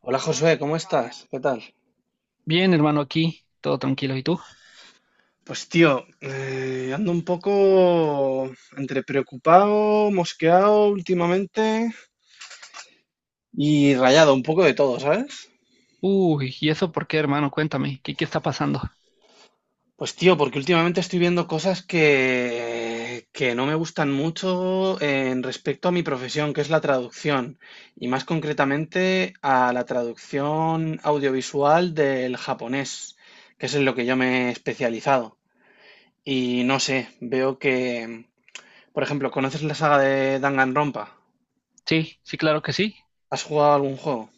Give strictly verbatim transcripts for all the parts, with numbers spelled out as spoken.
Hola Josué, ¿cómo estás? ¿Qué tal? Bien, hermano, aquí, todo tranquilo. ¿Y tú? Pues tío, eh, ando un poco entre preocupado, mosqueado últimamente y rayado, un poco de todo, ¿sabes? Uy, ¿y eso por qué, hermano? Cuéntame, ¿qué, qué está pasando? Pues tío, porque últimamente estoy viendo cosas que, que no me gustan mucho en respecto a mi profesión, que es la traducción, y más concretamente a la traducción audiovisual del japonés, que es en lo que yo me he especializado. Y no sé, veo que, por ejemplo, ¿conoces la saga de Danganronpa? Sí, sí, claro que sí. ¿Has jugado algún juego?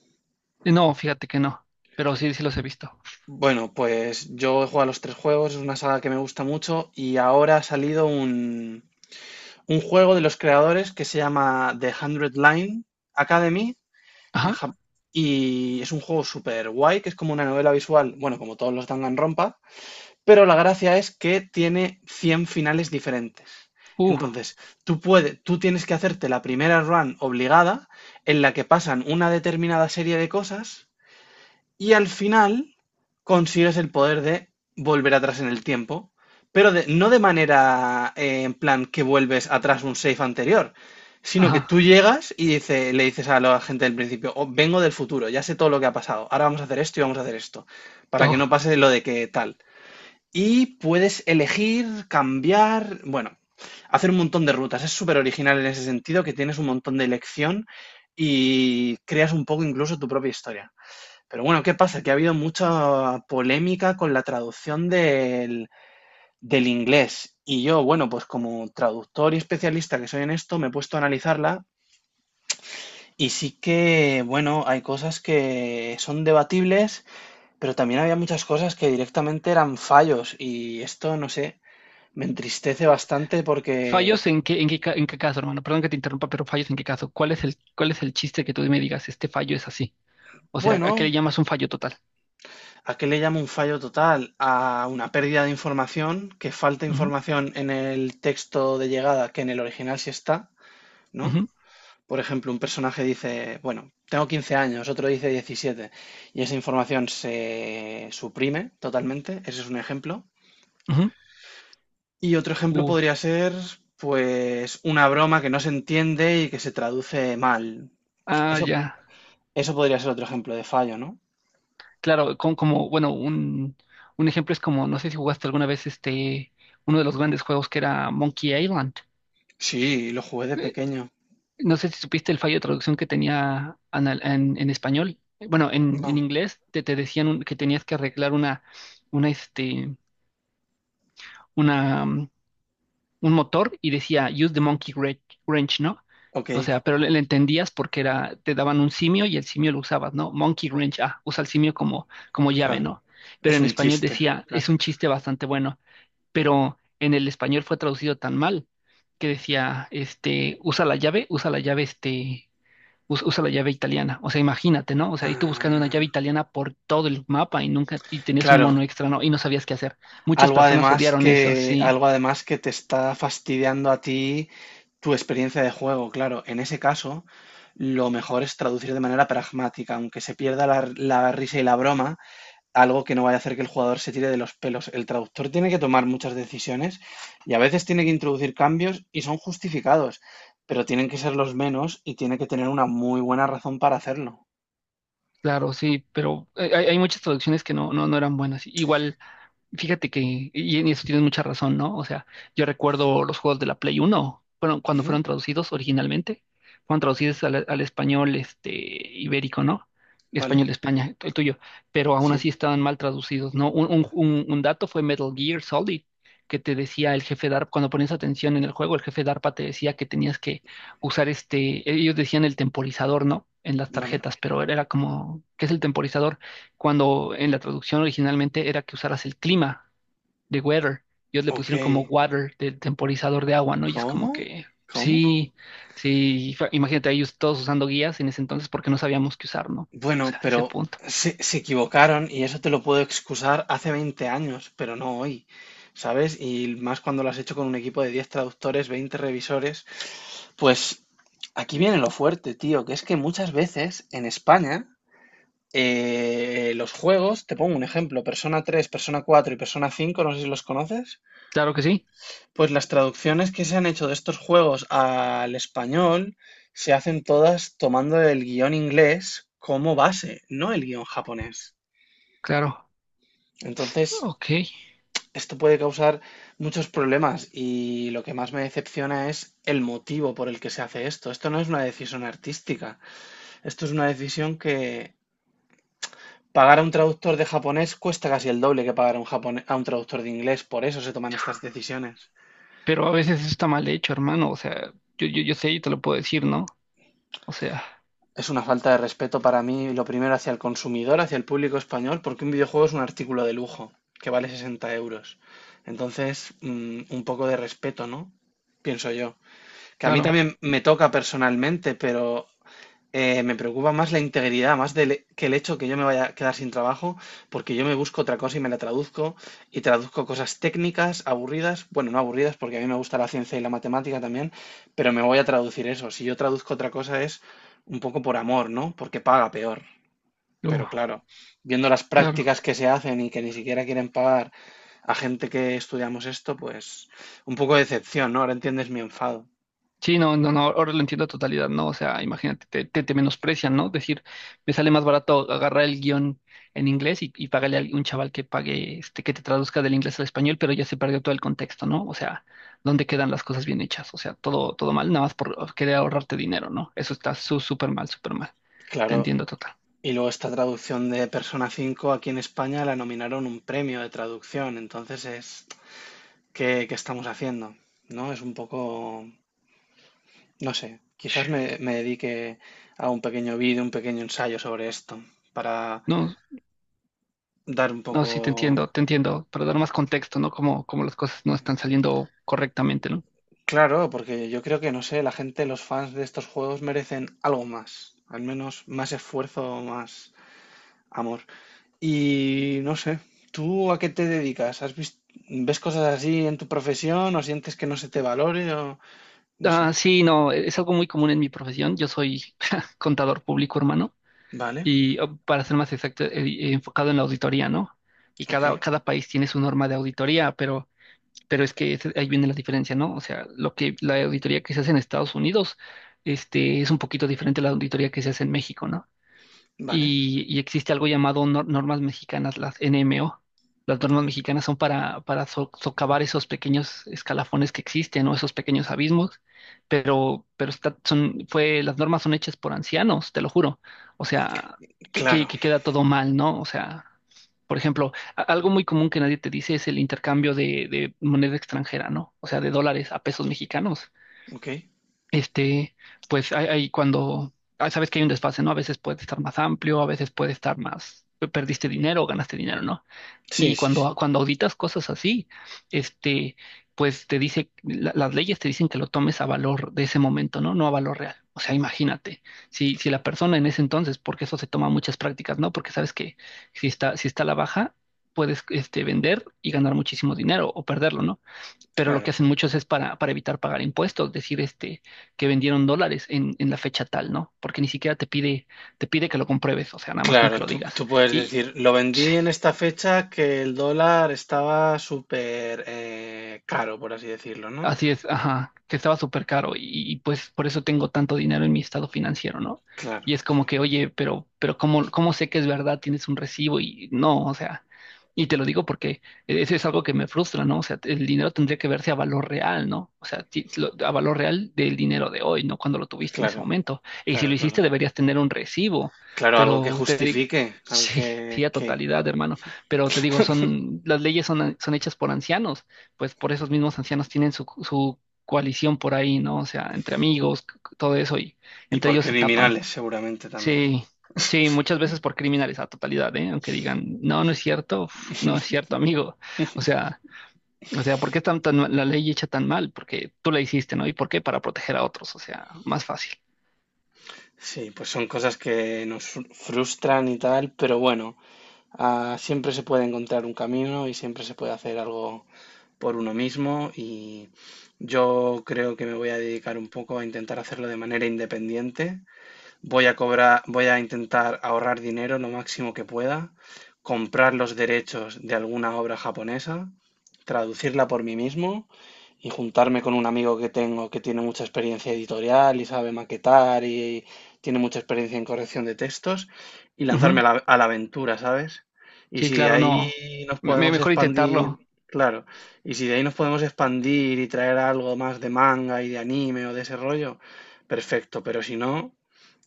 Eh, No, fíjate que no, pero sí, sí los he visto. Bueno, pues yo he jugado a los tres juegos, es una saga que me gusta mucho y ahora ha salido un, un juego de los creadores que se llama The Hundred Line Academy en Ajá, Jap- y es un juego súper guay que es como una novela visual, bueno, como todos los Danganronpa, pero la gracia es que tiene cien finales diferentes. uh, Entonces, tú puedes, tú tienes que hacerte la primera run obligada en la que pasan una determinada serie de cosas y al final consigues el poder de volver atrás en el tiempo, pero de- no de manera eh, en plan que vuelves atrás un save anterior, sino que tú ajá. llegas y dice- le dices a la gente del principio, "Oh, vengo del futuro, ya sé todo lo que ha pasado, ahora vamos a hacer esto y vamos a hacer esto, para que no Oh. pase lo de que tal." Y puedes elegir, cambiar, bueno, hacer un montón de rutas. Es súper original en ese sentido, que tienes un montón de elección y creas un poco incluso tu propia historia. Pero bueno, ¿qué pasa? Que ha habido mucha polémica con la traducción del, del inglés. Y yo, bueno, pues como traductor y especialista que soy en esto, me he puesto a analizarla y sí que, bueno, hay cosas que son debatibles, pero también había muchas cosas que directamente eran fallos y esto, no sé, me entristece bastante ¿Fallos porque, en qué, en qué, ca- en qué caso, hermano? Perdón que te interrumpa, pero fallos en qué caso. ¿Cuál es el, cuál es el chiste que tú me digas, este fallo es así? O sea, ¿a qué bueno, le llamas un fallo total? ¿a qué le llamo un fallo total? A una pérdida de información, que falta Ujú, información en el texto de llegada que en el original sí está, ¿no? ujú, Por ejemplo, un personaje dice, bueno, tengo quince años, otro dice diecisiete, y esa información se suprime totalmente, ese es un ejemplo. ujú. Y otro ejemplo Uy, podría ser, pues, una broma que no se entiende y que se traduce mal. ah, Eso, ya. eso podría ser otro ejemplo de fallo, ¿no? Claro, con, como, bueno, un, un ejemplo es como, no sé si jugaste alguna vez este, uno de los grandes juegos que era Monkey Island. Sí, lo jugué de Eh, pequeño. No sé si supiste el fallo de traducción que tenía anal- en, en español. Eh, Bueno, en, en No, inglés te, te decían un- que tenías que arreglar una, una, este, una, mm, un motor y decía use the monkey wren- wrench, ¿no? ok, O sea, pero le, le entendías porque era, te daban un simio y el simio lo usabas, ¿no? Monkey wrench, ah, usa el simio como, como llave, claro. ¿no? Pero Es en un español chiste, decía, claro. es un chiste bastante bueno. Pero en el español fue traducido tan mal que decía, este, usa la llave, usa la llave, este, us- usa la llave italiana. O sea, imagínate, ¿no? O sea, y tú buscando una llave Ah, italiana por todo el mapa y nunca, y tenías un claro, mono extra, ¿no? Y no sabías qué hacer. Muchas algo personas además odiaron eso, que, sí, algo además que te está fastidiando a ti tu experiencia de juego, claro. En ese caso, lo mejor es traducir de manera pragmática, aunque se pierda la, la risa y la broma, algo que no vaya a hacer que el jugador se tire de los pelos. El traductor tiene que tomar muchas decisiones y a veces tiene que introducir cambios y son justificados, pero tienen que ser los menos y tiene que tener una muy buena razón para hacerlo. claro, sí, pero hay, hay hay muchas traducciones que no, no, no eran buenas. Igual. Fíjate que, y en eso tienes mucha razón, ¿no? O sea, yo recuerdo los juegos de la Play Uno, bueno, cuando Ujú, fueron traducidos originalmente, fueron traducidos al, al español este, ibérico, ¿no? vale, Español de España, el tuyo, pero aún sí, así estaban mal traducidos, ¿no? Un, un- un- un dato fue Metal Gear Solid, que te decía el jefe DARPA, cuando ponías atención en el juego, el jefe DARPA te decía que tenías que usar este, ellos decían el temporizador, ¿no? En las vale. tarjetas, pero era era como, ¿qué es el temporizador? Cuando en la traducción originalmente era que usaras el clima de weather. Ellos le Ok, pusieron como water, del temporizador de agua, ¿no? Y es como ¿cómo? que, ¿Cómo? sí, sí, fa- imagínate ellos todos usando guías en ese entonces porque no sabíamos qué usar, ¿no? O Bueno, sea, ese pero punto. se, se equivocaron y eso te lo puedo excusar hace veinte años, pero no hoy, ¿sabes? Y más cuando lo has hecho con un equipo de diez traductores, veinte revisores. Pues aquí viene lo fuerte, tío, que es que muchas veces en España eh, los juegos, te pongo un ejemplo, Persona tres, Persona cuatro y Persona cinco, no sé si los conoces, Claro que sí, pues las traducciones que se han hecho de estos juegos al español se hacen todas tomando el guión inglés como base, no el guión japonés. claro, Entonces, ok. esto puede causar muchos problemas y lo que más me decepciona es el motivo por el que se hace esto. Esto no es una decisión artística. Esto es una decisión que pagar a un traductor de japonés cuesta casi el doble que pagar a un japone- a un traductor de inglés. Por eso se toman estas decisiones. Pero a veces eso está mal hecho, hermano. O sea, yo, yo, yo sé y te lo puedo decir, ¿no? O sea, Es una falta de respeto para mí, lo primero hacia el consumidor, hacia el público español, porque un videojuego es un artículo de lujo que vale sesenta euros. Entonces, mm, un poco de respeto, ¿no? Pienso yo. Que a mí claro, también me toca personalmente, pero Eh, me preocupa más la integridad, más del- e, que el hecho que yo me vaya a quedar sin trabajo, porque yo me busco otra cosa y me la traduzco, y traduzco cosas técnicas, aburridas, bueno, no aburridas, porque a mí me gusta la ciencia y la matemática también, pero me voy a traducir eso. Si yo traduzco otra cosa es un poco por amor, ¿no? Porque paga peor. luego, Pero claro, viendo las claro. prácticas que se hacen y que ni siquiera quieren pagar a gente que estudiamos esto, pues un poco de decepción, ¿no? Ahora entiendes mi enfado. Sí, no, no, no, ahora lo entiendo a totalidad, ¿no? O sea, imagínate, te, te, te menosprecian, ¿no? Decir, me sale más barato agarrar el guión en inglés y, y pagarle a un chaval que pague, este, que te traduzca del inglés al español, pero ya se perdió todo el contexto, ¿no? O sea, ¿dónde quedan las cosas bien hechas? O sea, todo, todo mal, nada más por oh, querer ahorrarte dinero, ¿no? Eso está su- súper mal, súper mal. Te Claro, entiendo total. y luego esta traducción de Persona cinco aquí en España la nominaron un premio de traducción, entonces es, ¿qué, qué estamos haciendo? ¿No? Es un poco, no sé, quizás me, me dedique a un pequeño vídeo, un pequeño ensayo sobre esto, para No, dar un no, sí, te poco, entiendo, te entiendo, para dar más contexto, ¿no? Como, como las cosas no están saliendo correctamente, ¿no? claro, porque yo creo que, no sé, la gente, los fans de estos juegos merecen algo más, al menos más esfuerzo, más amor. Y no sé, ¿tú a qué te dedicas? ¿Has visto, ¿ves cosas así en tu profesión o sientes que no se te valore o no sé? Ah, sí, no, es algo muy común en mi profesión. Yo soy contador público, hermano, Vale, y oh, para ser más exacto, eh, eh, enfocado en la auditoría, ¿no? Y ok, cada, cada país tiene su norma de auditoría, pero, pero es que ese- ahí viene la diferencia, ¿no? O sea, lo que la auditoría que se hace en Estados Unidos, este, es un poquito diferente a la auditoría que se hace en México, ¿no? vale, Y, y existe algo llamado nor- normas mexicanas, las N M O. Las normas mexicanas son para, para so- socavar esos pequeños escalafones que existen o esos pequeños abismos, pero, pero está, son, fue, las normas son hechas por ancianos, te lo juro. O sea, que, que, claro, que queda todo mal, ¿no? O sea, por ejemplo, a- algo muy común que nadie te dice es el intercambio de, de moneda extranjera, ¿no? O sea, de dólares a pesos mexicanos ok. este, pues hay, hay cuando ah, sabes que hay un desfase, ¿no? A veces puede estar más amplio, a veces puede estar más, pe- perdiste dinero o ganaste dinero, ¿no? Sí, Y sí, cuando, sí, cuando auditas cosas así, este, pues te dice, la- las leyes te dicen que lo tomes a valor de ese momento, ¿no? No a valor real. O sea, imagínate, si, si la persona en ese entonces, porque eso se toma muchas prácticas, ¿no? Porque sabes que si está, si está a la baja, puedes este, vender y ganar muchísimo dinero o perderlo, ¿no? Pero lo que claro. hacen muchos es para, para evitar pagar impuestos, decir este, que vendieron dólares en, en la fecha tal, ¿no? Porque ni siquiera te pide, te pide que lo compruebes, o sea, nada más con que Claro, lo tú, digas. tú puedes Y decir, lo vendí en esta fecha que el dólar estaba súper eh, caro, por así decirlo, ¿no? así es, ajá, que estaba súper caro y, y, pues por eso tengo tanto dinero en mi estado financiero, ¿no? Claro, Y es como que, oye, pero, pero ¿cómo, cómo sé que es verdad? Tienes un recibo y no, o sea, y te lo digo porque eso es algo que me frustra, ¿no? O sea, el dinero tendría que verse a valor real, ¿no? O sea, ti- lo- a valor real del dinero de hoy, no cuando lo tuviste en ese claro, momento. Y si claro, lo hiciste claro. deberías tener un recibo, Claro, algo que pero te digo, justifique, algo sí, que, sí, a que... totalidad, hermano, pero te digo, son, las leyes son, son hechas por ancianos pues por esos mismos ancianos tienen su, su coalición por ahí, ¿no? O sea, entre amigos, c- c- todo eso, y Y entre por ellos se tapan. criminales seguramente también. Sí, sí, muchas veces por criminales a totalidad, ¿eh? Aunque digan, no, no es cierto, uf, no es cierto, amigo. O sea, o sea, ¿por qué están tan, mal- la ley hecha tan mal? Porque tú la hiciste, ¿no? ¿Y por qué? Para proteger a otros, o sea, más fácil. Sí, pues son cosas que nos fru- frustran y tal, pero bueno, ah, siempre se puede encontrar un camino y siempre se puede hacer algo por uno mismo y yo creo que me voy a dedicar un poco a intentar hacerlo de manera independiente, voy a cobrar, voy a intentar ahorrar dinero lo máximo que pueda, comprar los derechos de alguna obra japonesa, traducirla por mí mismo y juntarme con un amigo que tengo que tiene mucha experiencia editorial y sabe maquetar y tiene mucha experiencia en corrección de textos y lanzarme Ujú. a la, a la aventura, ¿sabes? Y Sí, si de claro, ahí no. nos Me, me- podemos mejor intentarlo. expandir, claro, y si de ahí nos podemos expandir y traer algo más de manga y de anime o de ese rollo, perfecto, pero si no,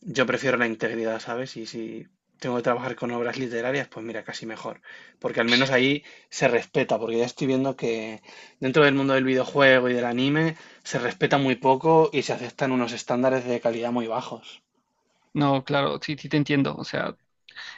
yo prefiero la integridad, ¿sabes? Y si tengo que trabajar con obras literarias, pues mira, casi mejor. Porque al menos ahí se respeta, porque ya estoy viendo que dentro del mundo del videojuego y del anime se respeta muy poco y se aceptan unos estándares de calidad muy bajos. No, claro, sí, sí te entiendo. O sea,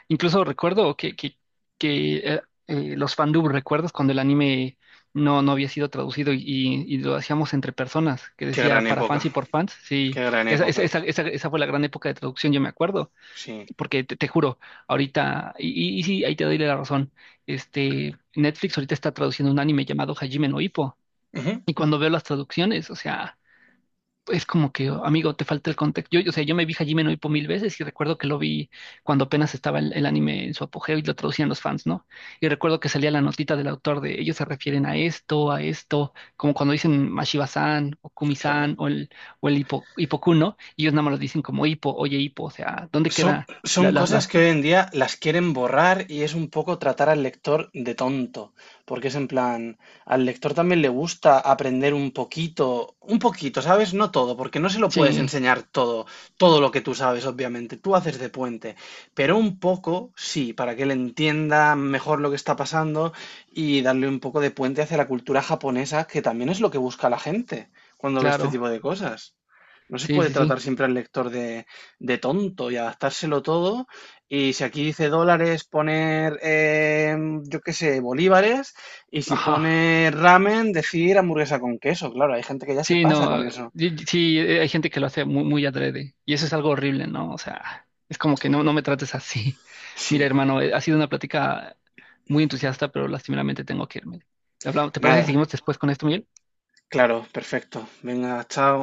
incluso recuerdo que, que, que eh, eh, los fandub, ¿recuerdas cuando el anime no, no había sido traducido y, y- y lo hacíamos entre personas? Que Qué gran decía para época, fans y por fans. Sí, qué gran esa, esa, época. esa, esa, esa fue la gran época de traducción, yo me acuerdo. Sí, Porque te, te juro, ahorita, y, y- y sí, ahí te doy la razón. Este, Netflix ahorita está traduciendo un anime llamado Hajime no Ippo. ujú, Y cuando veo las traducciones, o sea es como que, amigo, te falta el contexto. Yo, o sea, yo me vi Hajime no Ippo mil veces y recuerdo que lo vi cuando apenas estaba el, el anime en su apogeo y lo traducían los fans, ¿no? Y recuerdo que salía la notita del autor de ellos se refieren a esto, a esto, como cuando dicen Mashiba-san o claro. Kumi-san o el, o el Hippo, Hippoku, ¿no? Y ellos nada más lo dicen como Hippo, oye Hippo, o sea, ¿dónde Son, queda la, son la, cosas la... que hoy en día las quieren borrar y es un poco tratar al lector de tonto, porque es en plan, al lector también le gusta aprender un poquito, un poquito, ¿sabes? No todo, porque no se lo puedes Sí, enseñar todo, todo lo que tú sabes, obviamente, tú haces de puente, pero un poco, sí, para que él entienda mejor lo que está pasando y darle un poco de puente hacia la cultura japonesa, que también es lo que busca la gente cuando ve este claro, tipo de cosas. No se sí, puede sí, sí. tratar siempre al lector de de tonto y adaptárselo todo. Y si aquí dice dólares, poner, eh, yo qué sé, bolívares. Y si Ajá. pone ramen, decir hamburguesa con queso. Claro, hay gente que ya se Sí, pasa con no, eso. y- y- sí, eh, hay gente que lo hace muy, muy adrede y eso es algo horrible, ¿no? O sea, es como que no, no me trates así. Mira, Sí, hermano, eh, ha sido una plática muy entusiasta, pero lastimeramente tengo que irme. Hablamos- ¿Te parece que nada, seguimos después con esto, Miguel? claro, perfecto. Venga, chao.